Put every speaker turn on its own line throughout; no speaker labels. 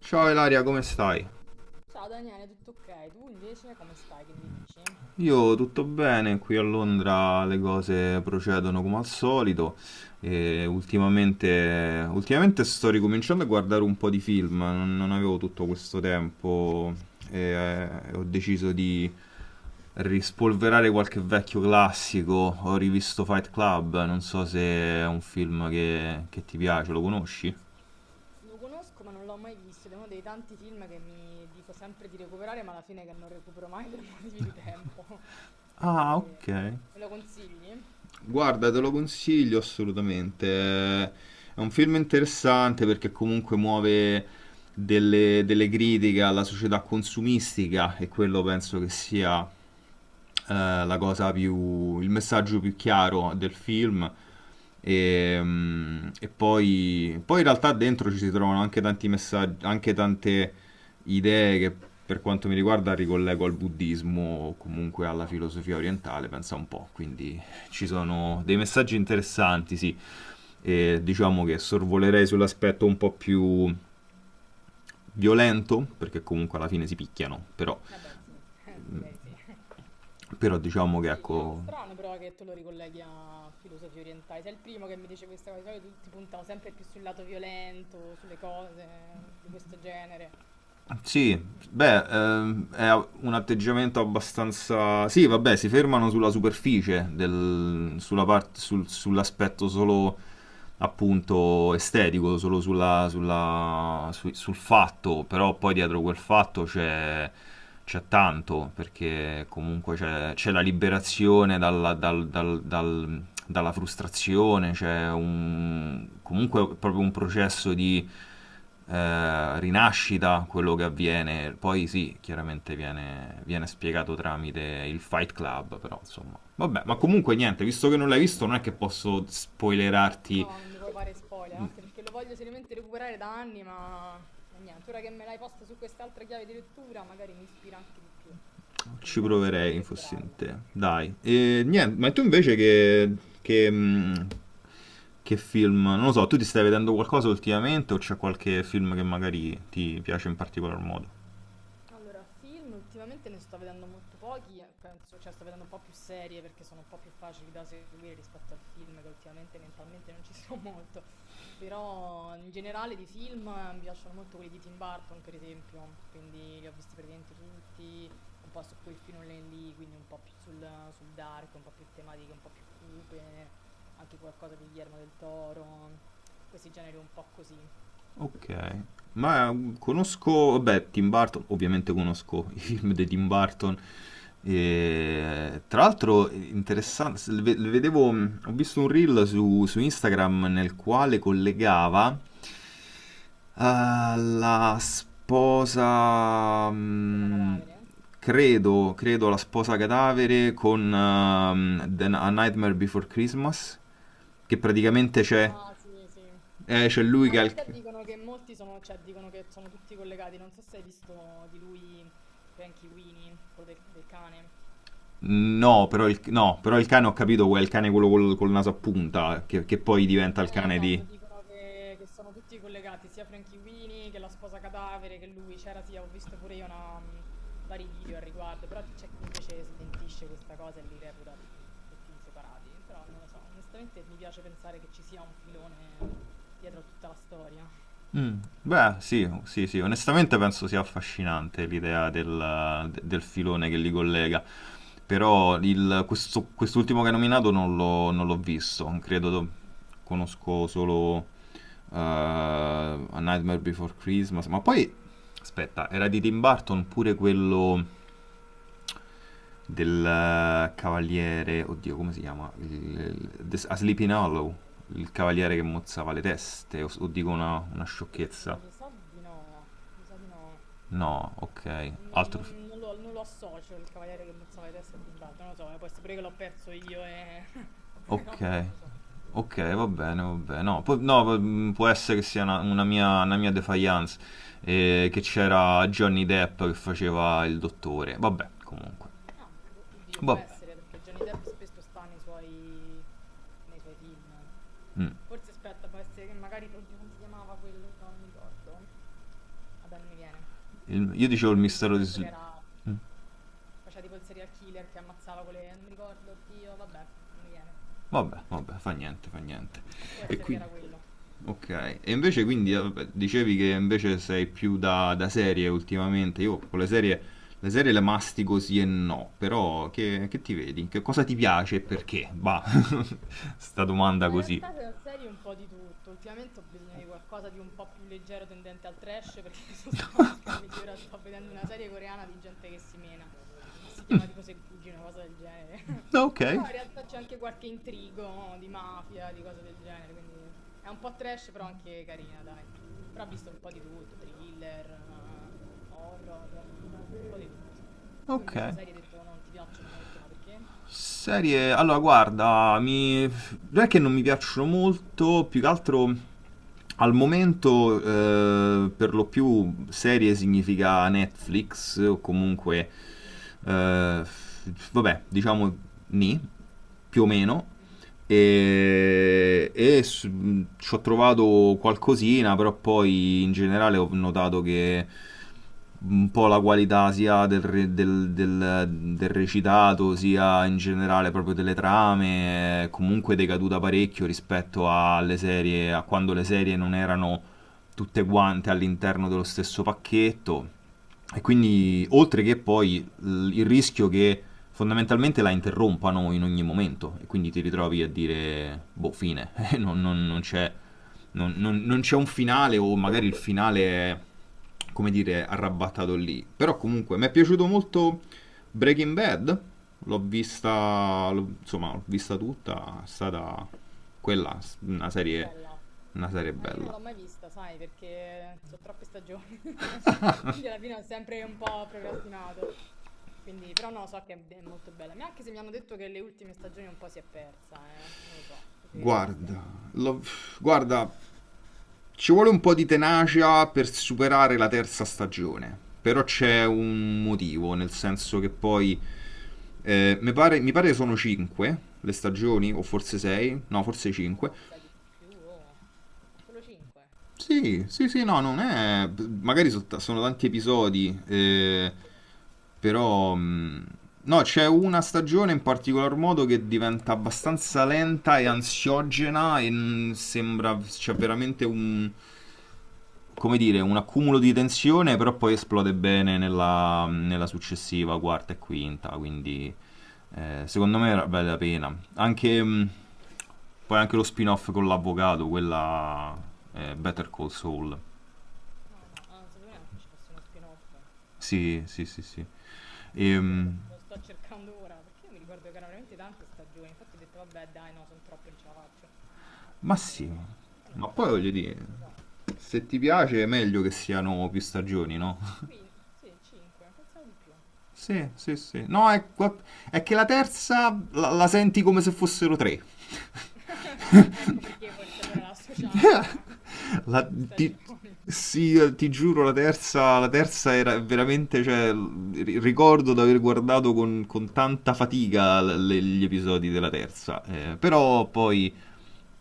Ciao Ilaria, come stai?
Ciao Daniele, tutto ok? Tu invece come stai? Che mi dici?
Io tutto bene, qui a Londra le cose procedono come al solito e ultimamente sto ricominciando a guardare un po' di film, non avevo tutto questo tempo e ho deciso di rispolverare qualche vecchio classico. Ho rivisto Fight Club, non so se è un film che ti piace, lo conosci?
Lo conosco ma non l'ho mai visto ed è uno dei tanti film che mi dico sempre di recuperare, ma alla fine che non recupero mai per motivi di tempo. Quindi
Ah, ok.
me lo consigli?
Guarda, te lo consiglio assolutamente. È un film interessante perché comunque muove delle critiche alla società consumistica, e quello penso che sia la cosa più, il messaggio più chiaro del film. E poi in realtà dentro ci si trovano anche tanti messaggi, anche tante idee che, per quanto mi riguarda, ricollego al buddismo o comunque alla
Ah,
filosofia orientale, pensa un po', quindi ci sono dei messaggi interessanti, sì. E diciamo che sorvolerei sull'aspetto un po' più violento, perché comunque alla fine si picchiano. Però,
vabbè sì, direi di sì.
però diciamo che
Sì, ah,
ecco.
strano però che tu lo ricolleghi a filosofie orientali. Sei il primo che mi dice questa cosa, di solito tutti puntano sempre più sul lato violento, sulle cose di questo genere.
Sì,
Mm,
beh,
strano.
è un atteggiamento abbastanza... Sì, vabbè, si fermano sulla superficie, sull'aspetto solo appunto estetico, solo sul fatto, però poi dietro quel fatto c'è, c'è tanto, perché comunque c'è, c'è la liberazione dalla, dal- dal- dal- dalla frustrazione. C'è un, comunque proprio un processo di rinascita, quello che avviene. Poi sì, chiaramente viene, viene spiegato tramite il Fight Club, però insomma. Vabbè, ma comunque niente, visto che non l'hai visto non è che posso spoilerarti.
No, non mi puoi fare spoiler, anche perché lo voglio seriamente recuperare da anni, ma niente, ora che me l'hai posta su quest'altra chiave di lettura, magari mi ispira anche di più. Quindi
Ci
dai, spero di
proverei, fossi in
recuperarlo.
te. Dai. E niente, ma tu invece che... che mh, che film, non lo so, tu ti stai vedendo qualcosa ultimamente, o c'è qualche film che magari ti piace in particolar modo?
Allora, film ultimamente ne sto vedendo molto pochi, penso, cioè sto vedendo un po' più serie perché sono un po' più facili da seguire rispetto al film che ultimamente mentalmente non ci sono molto, però in generale di film mi piacciono molto quelli di Tim Burton per esempio, quindi li ho visti praticamente tutti, un po' su quel filone lì, quindi un po' più sul dark, un po' più tematiche, un po' più cupe, anche qualcosa di Guillermo del Toro, questi generi un po' così.
Ok. Ma conosco, vabbè, Tim Burton, ovviamente conosco i film di Tim Burton. E, tra l'altro, è interessante, ho visto un reel su Instagram nel quale collegava la sposa,
Cosa
mm,
cadavere?
credo, credo la sposa cadavere con A Nightmare Before Christmas, che praticamente c'è,
Ah sì, sì.
c'è lui
Ma in
che ha il...
realtà dicono che molti sono, cioè dicono che sono tutti collegati. Non so se hai visto di lui Frankie Weenie, quello del cane.
No, però il cane ho capito, è il cane quello col naso a punta, che poi diventa il cane di...
Esatto, dicono che sono tutti collegati, sia Frankie Weenie che la sposa cadavere, che lui c'era, sì, ho visto pure io una, vari video al riguardo, però c'è chi invece smentisce questa cosa e li reputa tutti separati. Però non lo so, onestamente mi piace pensare che ci sia un filone dietro a tutta la storia.
Mm, beh, sì, sì, sì, onestamente penso sia affascinante l'idea del filone che li collega, però quest'ultimo che hai nominato non l'ho visto, credo, conosco solo A Nightmare Before Christmas, ma poi, aspetta, era di Tim Burton pure quello del cavaliere, oddio, come si chiama? A Sleeping Hollow, il cavaliere che mozzava le teste, o dico una
Oddio,
sciocchezza.
mi sa di no, mi sa di no.
No, ok, altro...
Non lo, non lo associo il cavaliere che mozzava le teste a Tim Burton, non lo so, può essere pure che l'ho perso io e... No, no,
Ok,
non lo so.
ok, va bene, va bene. No, può essere che sia una mia defiance, che c'era Johnny Depp che faceva il dottore. Vabbè, comunque.
Ah, boh, oddio, può
Vabbè.
essere, perché Johnny Depp spesso sta nei suoi film.
mm.
Forse, aspetta, può essere che magari... Oddio, come si chiamava quello? Non mi ricordo. Vabbè, non mi viene.
Io dicevo il
Quello di Johnny
mistero di...
Depp che
Sl-
era... che faceva tipo il serial killer che ammazzava quelle... Non mi ricordo, oddio, vabbè, non mi viene.
Vabbè, vabbè, fa niente, fa niente.
Può
E
essere che
quindi...
era quello,
Ok, e invece
però non mi
quindi
viene.
vabbè, dicevi che invece sei più da serie ultimamente. Io con le serie, le serie le mastico sì e no, però che ti vedi? Che cosa ti piace e perché? Bah, sta domanda
Ma in
così.
realtà se la serie un po' di tutto. Ultimamente ho bisogno di qualcosa di un po' più leggero tendente al trash perché sono stanca, quindi ora sto vedendo una serie coreana di gente che si mena, che si chiama tipo Segugi, una cosa del genere.
No, ok,
Però in realtà c'è anche qualche intrigo no? Di mafia, di cose del genere, quindi è un po' trash però anche carina, dai. Però ho visto un po' di tutto, thriller, horror, un po' di tutto. Tu
ok.
invece serie hai detto non ti piacciono molto, ma perché?
Serie, allora guarda, mi... non è che non mi piacciono molto, più che altro al momento per lo più serie significa Netflix o comunque,
Mm,
eh, vabbè, diciamo ni, più o meno,
mm,
e ci ho trovato qualcosina, però poi in generale ho notato che un po' la qualità sia del, re- del- del- del recitato, sia in generale proprio delle trame, è comunque decaduta parecchio rispetto alle serie, a quando le serie non erano tutte quante all'interno dello stesso pacchetto. E
mm,
quindi, oltre che poi il rischio che fondamentalmente la interrompano in ogni momento, e quindi ti ritrovi a dire boh, fine, non, non- non c'è non c'è un finale, o magari il finale è, come dire, arrabbattato lì. Però comunque mi è piaciuto molto Breaking Bad, l'ho vista, insomma, l'ho vista
mm.
tutta, è stata quella, una serie,
Bella.
una serie
Ah, io non
bella.
l'ho mai vista, sai, perché so troppe stagioni, quindi alla fine ho sempre un po' procrastinato. Quindi, però no, so che è molto bella. Ma anche se mi hanno detto che le ultime stagioni un po' si è persa, eh. Non lo so, tu che le hai viste?
Guarda, l'ho- guarda, ci vuole un po' di tenacia per superare la terza stagione, però
Mm.
c'è un motivo, nel senso che poi mi pare sono 5 le stagioni, o forse 6, no, forse 5.
No, mi sa di più, oh. Solo 5.
Sì, sì, sì, no, non è... sono tanti episodi,
No, forse per quello.
però... no, c'è una stagione in particolar modo che diventa abbastanza lenta e
Mm.
ansiogena, e sembra... c'è veramente un, come dire, un accumulo di tensione, però poi esplode bene nella successiva quarta e
Ah,
quinta,
vabbè.
quindi secondo me vale la pena. Anche, poi anche lo spin-off con l'avvocato, quella Better Call Saul.
No, no, ah, non sapevo neanche ci fosse uno spin-off.
Sì, sì, sì, sì.
Ah, sì, è vero,
Ehm,
lo sto cercando ora, perché io mi ricordo che erano veramente tante stagioni, infatti ho detto vabbè dai no, sono troppe, non ce la faccio.
ma
Invece,
sì,
però non
ma poi
trovo
voglio
quante
dire,
stagioni sono.
se ti piace è meglio che siano più stagioni,
Ah
no?
sì, qui, sì, 5, pensavo di più.
Sì, sì, sì. No, è che la terza la senti come se fossero tre.
Ecco perché forse allora la associamo a, a
La,
più
ti,
stagioni.
sì, ti giuro, la terza era veramente, cioè, ricordo di aver guardato con tanta fatica gli episodi della terza,
Ah,
però poi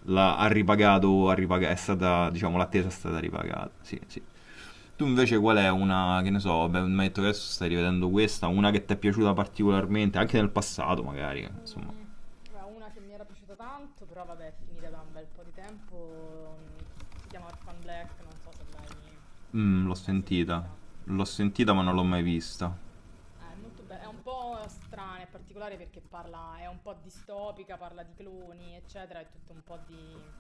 la, ha ripagato, ha ripaga- è stata,
si
diciamo,
è
l'attesa è
ripresa.
stata ripagata, sì, sì. Tu invece qual è una, che ne so, beh, mi hai detto che adesso stai rivedendo questa, una che ti è piaciuta particolarmente, anche nel passato magari, insomma.
Mm, guarda, una che mi era piaciuta tanto, però vabbè, è finita da un bel po' di tempo. Mm, si chiama Orphan Black, non so se l'hai
Mm, l'ho
mai
sentita,
sentita.
l'ho
Si è
sentita ma non l'ho
finita.
mai vista.
Ah, è molto bello, è un po' strana e particolare perché parla, è un po' distopica, parla di cloni, eccetera, è tutto un po'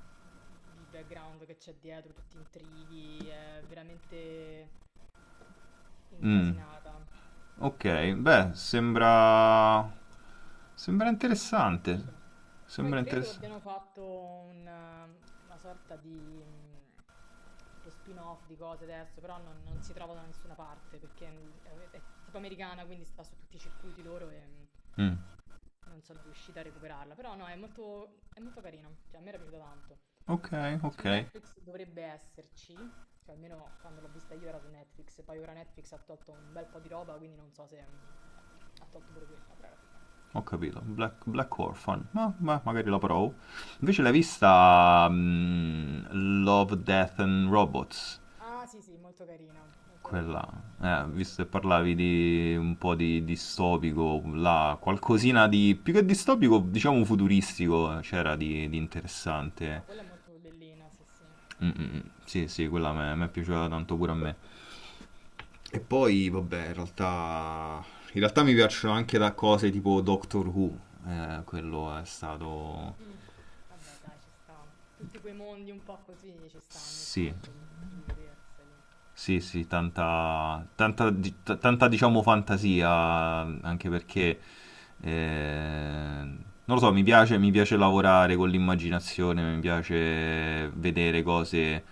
di background che c'è dietro, tutti intrighi, è veramente
Mm.
incasinata.
Ok, beh, sembra
Avrà
interessante.
figa. Poi
Sembra
credo
interessante.
abbiano fatto un, una sorta di tipo spin-off di cose adesso, però non, non si trova da nessuna parte perché è tipo americana, quindi sta su tutti i circuiti loro e
Mm.
non sono riuscita a recuperarla. Però no, è molto carina, cioè a me era piaciuta tanto.
Ok,
Su
ok,
ok. Netflix dovrebbe esserci, cioè almeno quando l'ho vista io era su Netflix, poi ora Netflix ha tolto un bel po' di roba, quindi non so se ha tolto pure quella, però era figa.
ho capito. Black, Black Orphan, ma magari la provo. Invece l'hai vista, Love, Death and Robots?
Ah, sì, sì, molto carina, molto
Quella,
carina. Sì, sì.
visto che parlavi di un po' di distopico, là, qualcosina di più che distopico, diciamo futuristico, c'era di interessante.
No, quella è molto bellina, sì, sì.
Mm, mm, mm. Sì, sì, quella
Vero,
mi è
vero.
piaciuta tanto pure a me. E poi, vabbè, in realtà mi piacciono anche da cose tipo Doctor Who, quello è stato...
Mm, vabbè, dai, ci sta. Tutti quei mondi un po' così ci sta ogni
Sì,
tanto di vederseli.
sì, sì, tanta, diciamo, fantasia, anche perché, non lo so, mi piace lavorare con l'immaginazione, mi piace vedere
Mm,
cose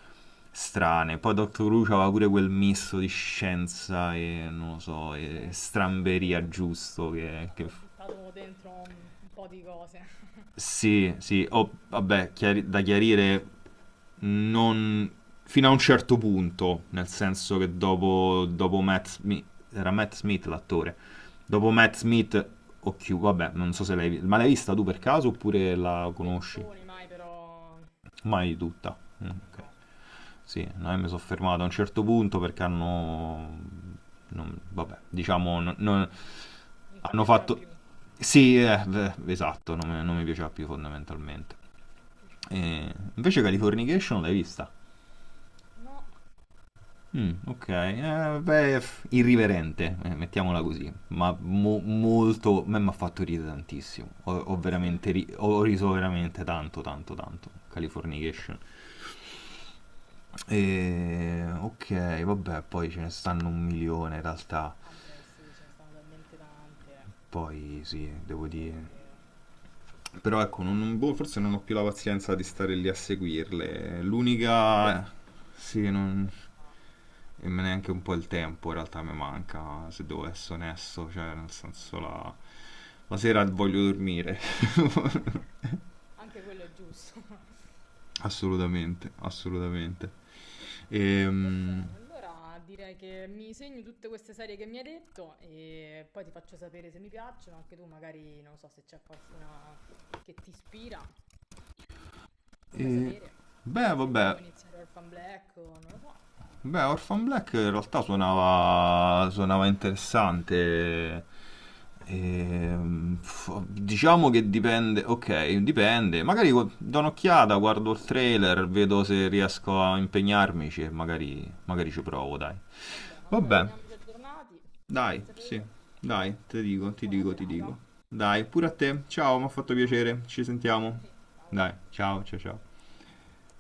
strane. Poi Doctor Who aveva pure quel misto di scienza e, non lo so,
sì,
e
è
stramberia
vero.
giusto
Ci
che
hanno buttato dentro un po' di cose.
sì, sì, oh, vabbè, da chiarire non... fino a un certo punto, nel senso che dopo Matt Smith, era Matt Smith l'attore, dopo Matt Smith,
Guarda.
o Q, vabbè, non so se l'hai vista, ma l'hai vista tu per caso oppure la conosci?
Pezzoni mai, però...
Mai tutta. Mm,
mm,
ok.
no,
Sì, no, mi sono fermato a un certo punto perché hanno... non- vabbè, diciamo,
non ti
hanno
piaceva
fatto...
più.
Sì, beh, esatto, non mi piaceva più fondamentalmente.
Mm,
E invece Californication l'hai vista?
no.
Mm, ok, beh, irriverente, mettiamola
Mm,
così, ma molto, a me mi ha fatto ridere tantissimo, ho, ho
sì.
veramente ri- ho riso veramente tanto, tanto, tanto, Californication. E, ok, vabbè, poi ce ne stanno un milione in realtà,
Vabbè, sì, ce ne stanno talmente tante.
poi sì, devo
Vero,
dire...
vero.
Però ecco, boh, forse non ho più la pazienza di stare lì a seguirle. L'unica... Sì, non...
Vabbè, ci sta.
e me neanche un po' il tempo in realtà mi manca, se devo essere onesto, cioè nel
Eh.
senso la sera voglio dormire,
Anche quello è giusto.
assolutamente, assolutamente.
Va
Ehm,
bene, allora direi che mi segno tutte queste serie che mi hai detto e poi ti faccio sapere se mi piacciono, anche tu magari non so se c'è qualcuna che ti ispira, mi fai
E,
sapere
beh,
se ti
vabbè,
vuoi iniziare Orphan Black o non lo so.
beh, Orphan Black in realtà suonava, suonava interessante. Diciamo che dipende, ok, dipende. Magari do un'occhiata, guardo il trailer, vedo se riesco a impegnarmici e magari ci provo, dai.
Va bene, allora
Vabbè,
teniamoci aggiornati,
dai,
fammi
sì.
sapere
Dai, ti dico,
e
ti
buona
dico, ti
serata.
dico. Dai, pure a te. Ciao, mi ha fatto piacere.
Grazie.
Ci
Anche a
sentiamo.
me, ciao.
Dai, ciao, ciao, ciao.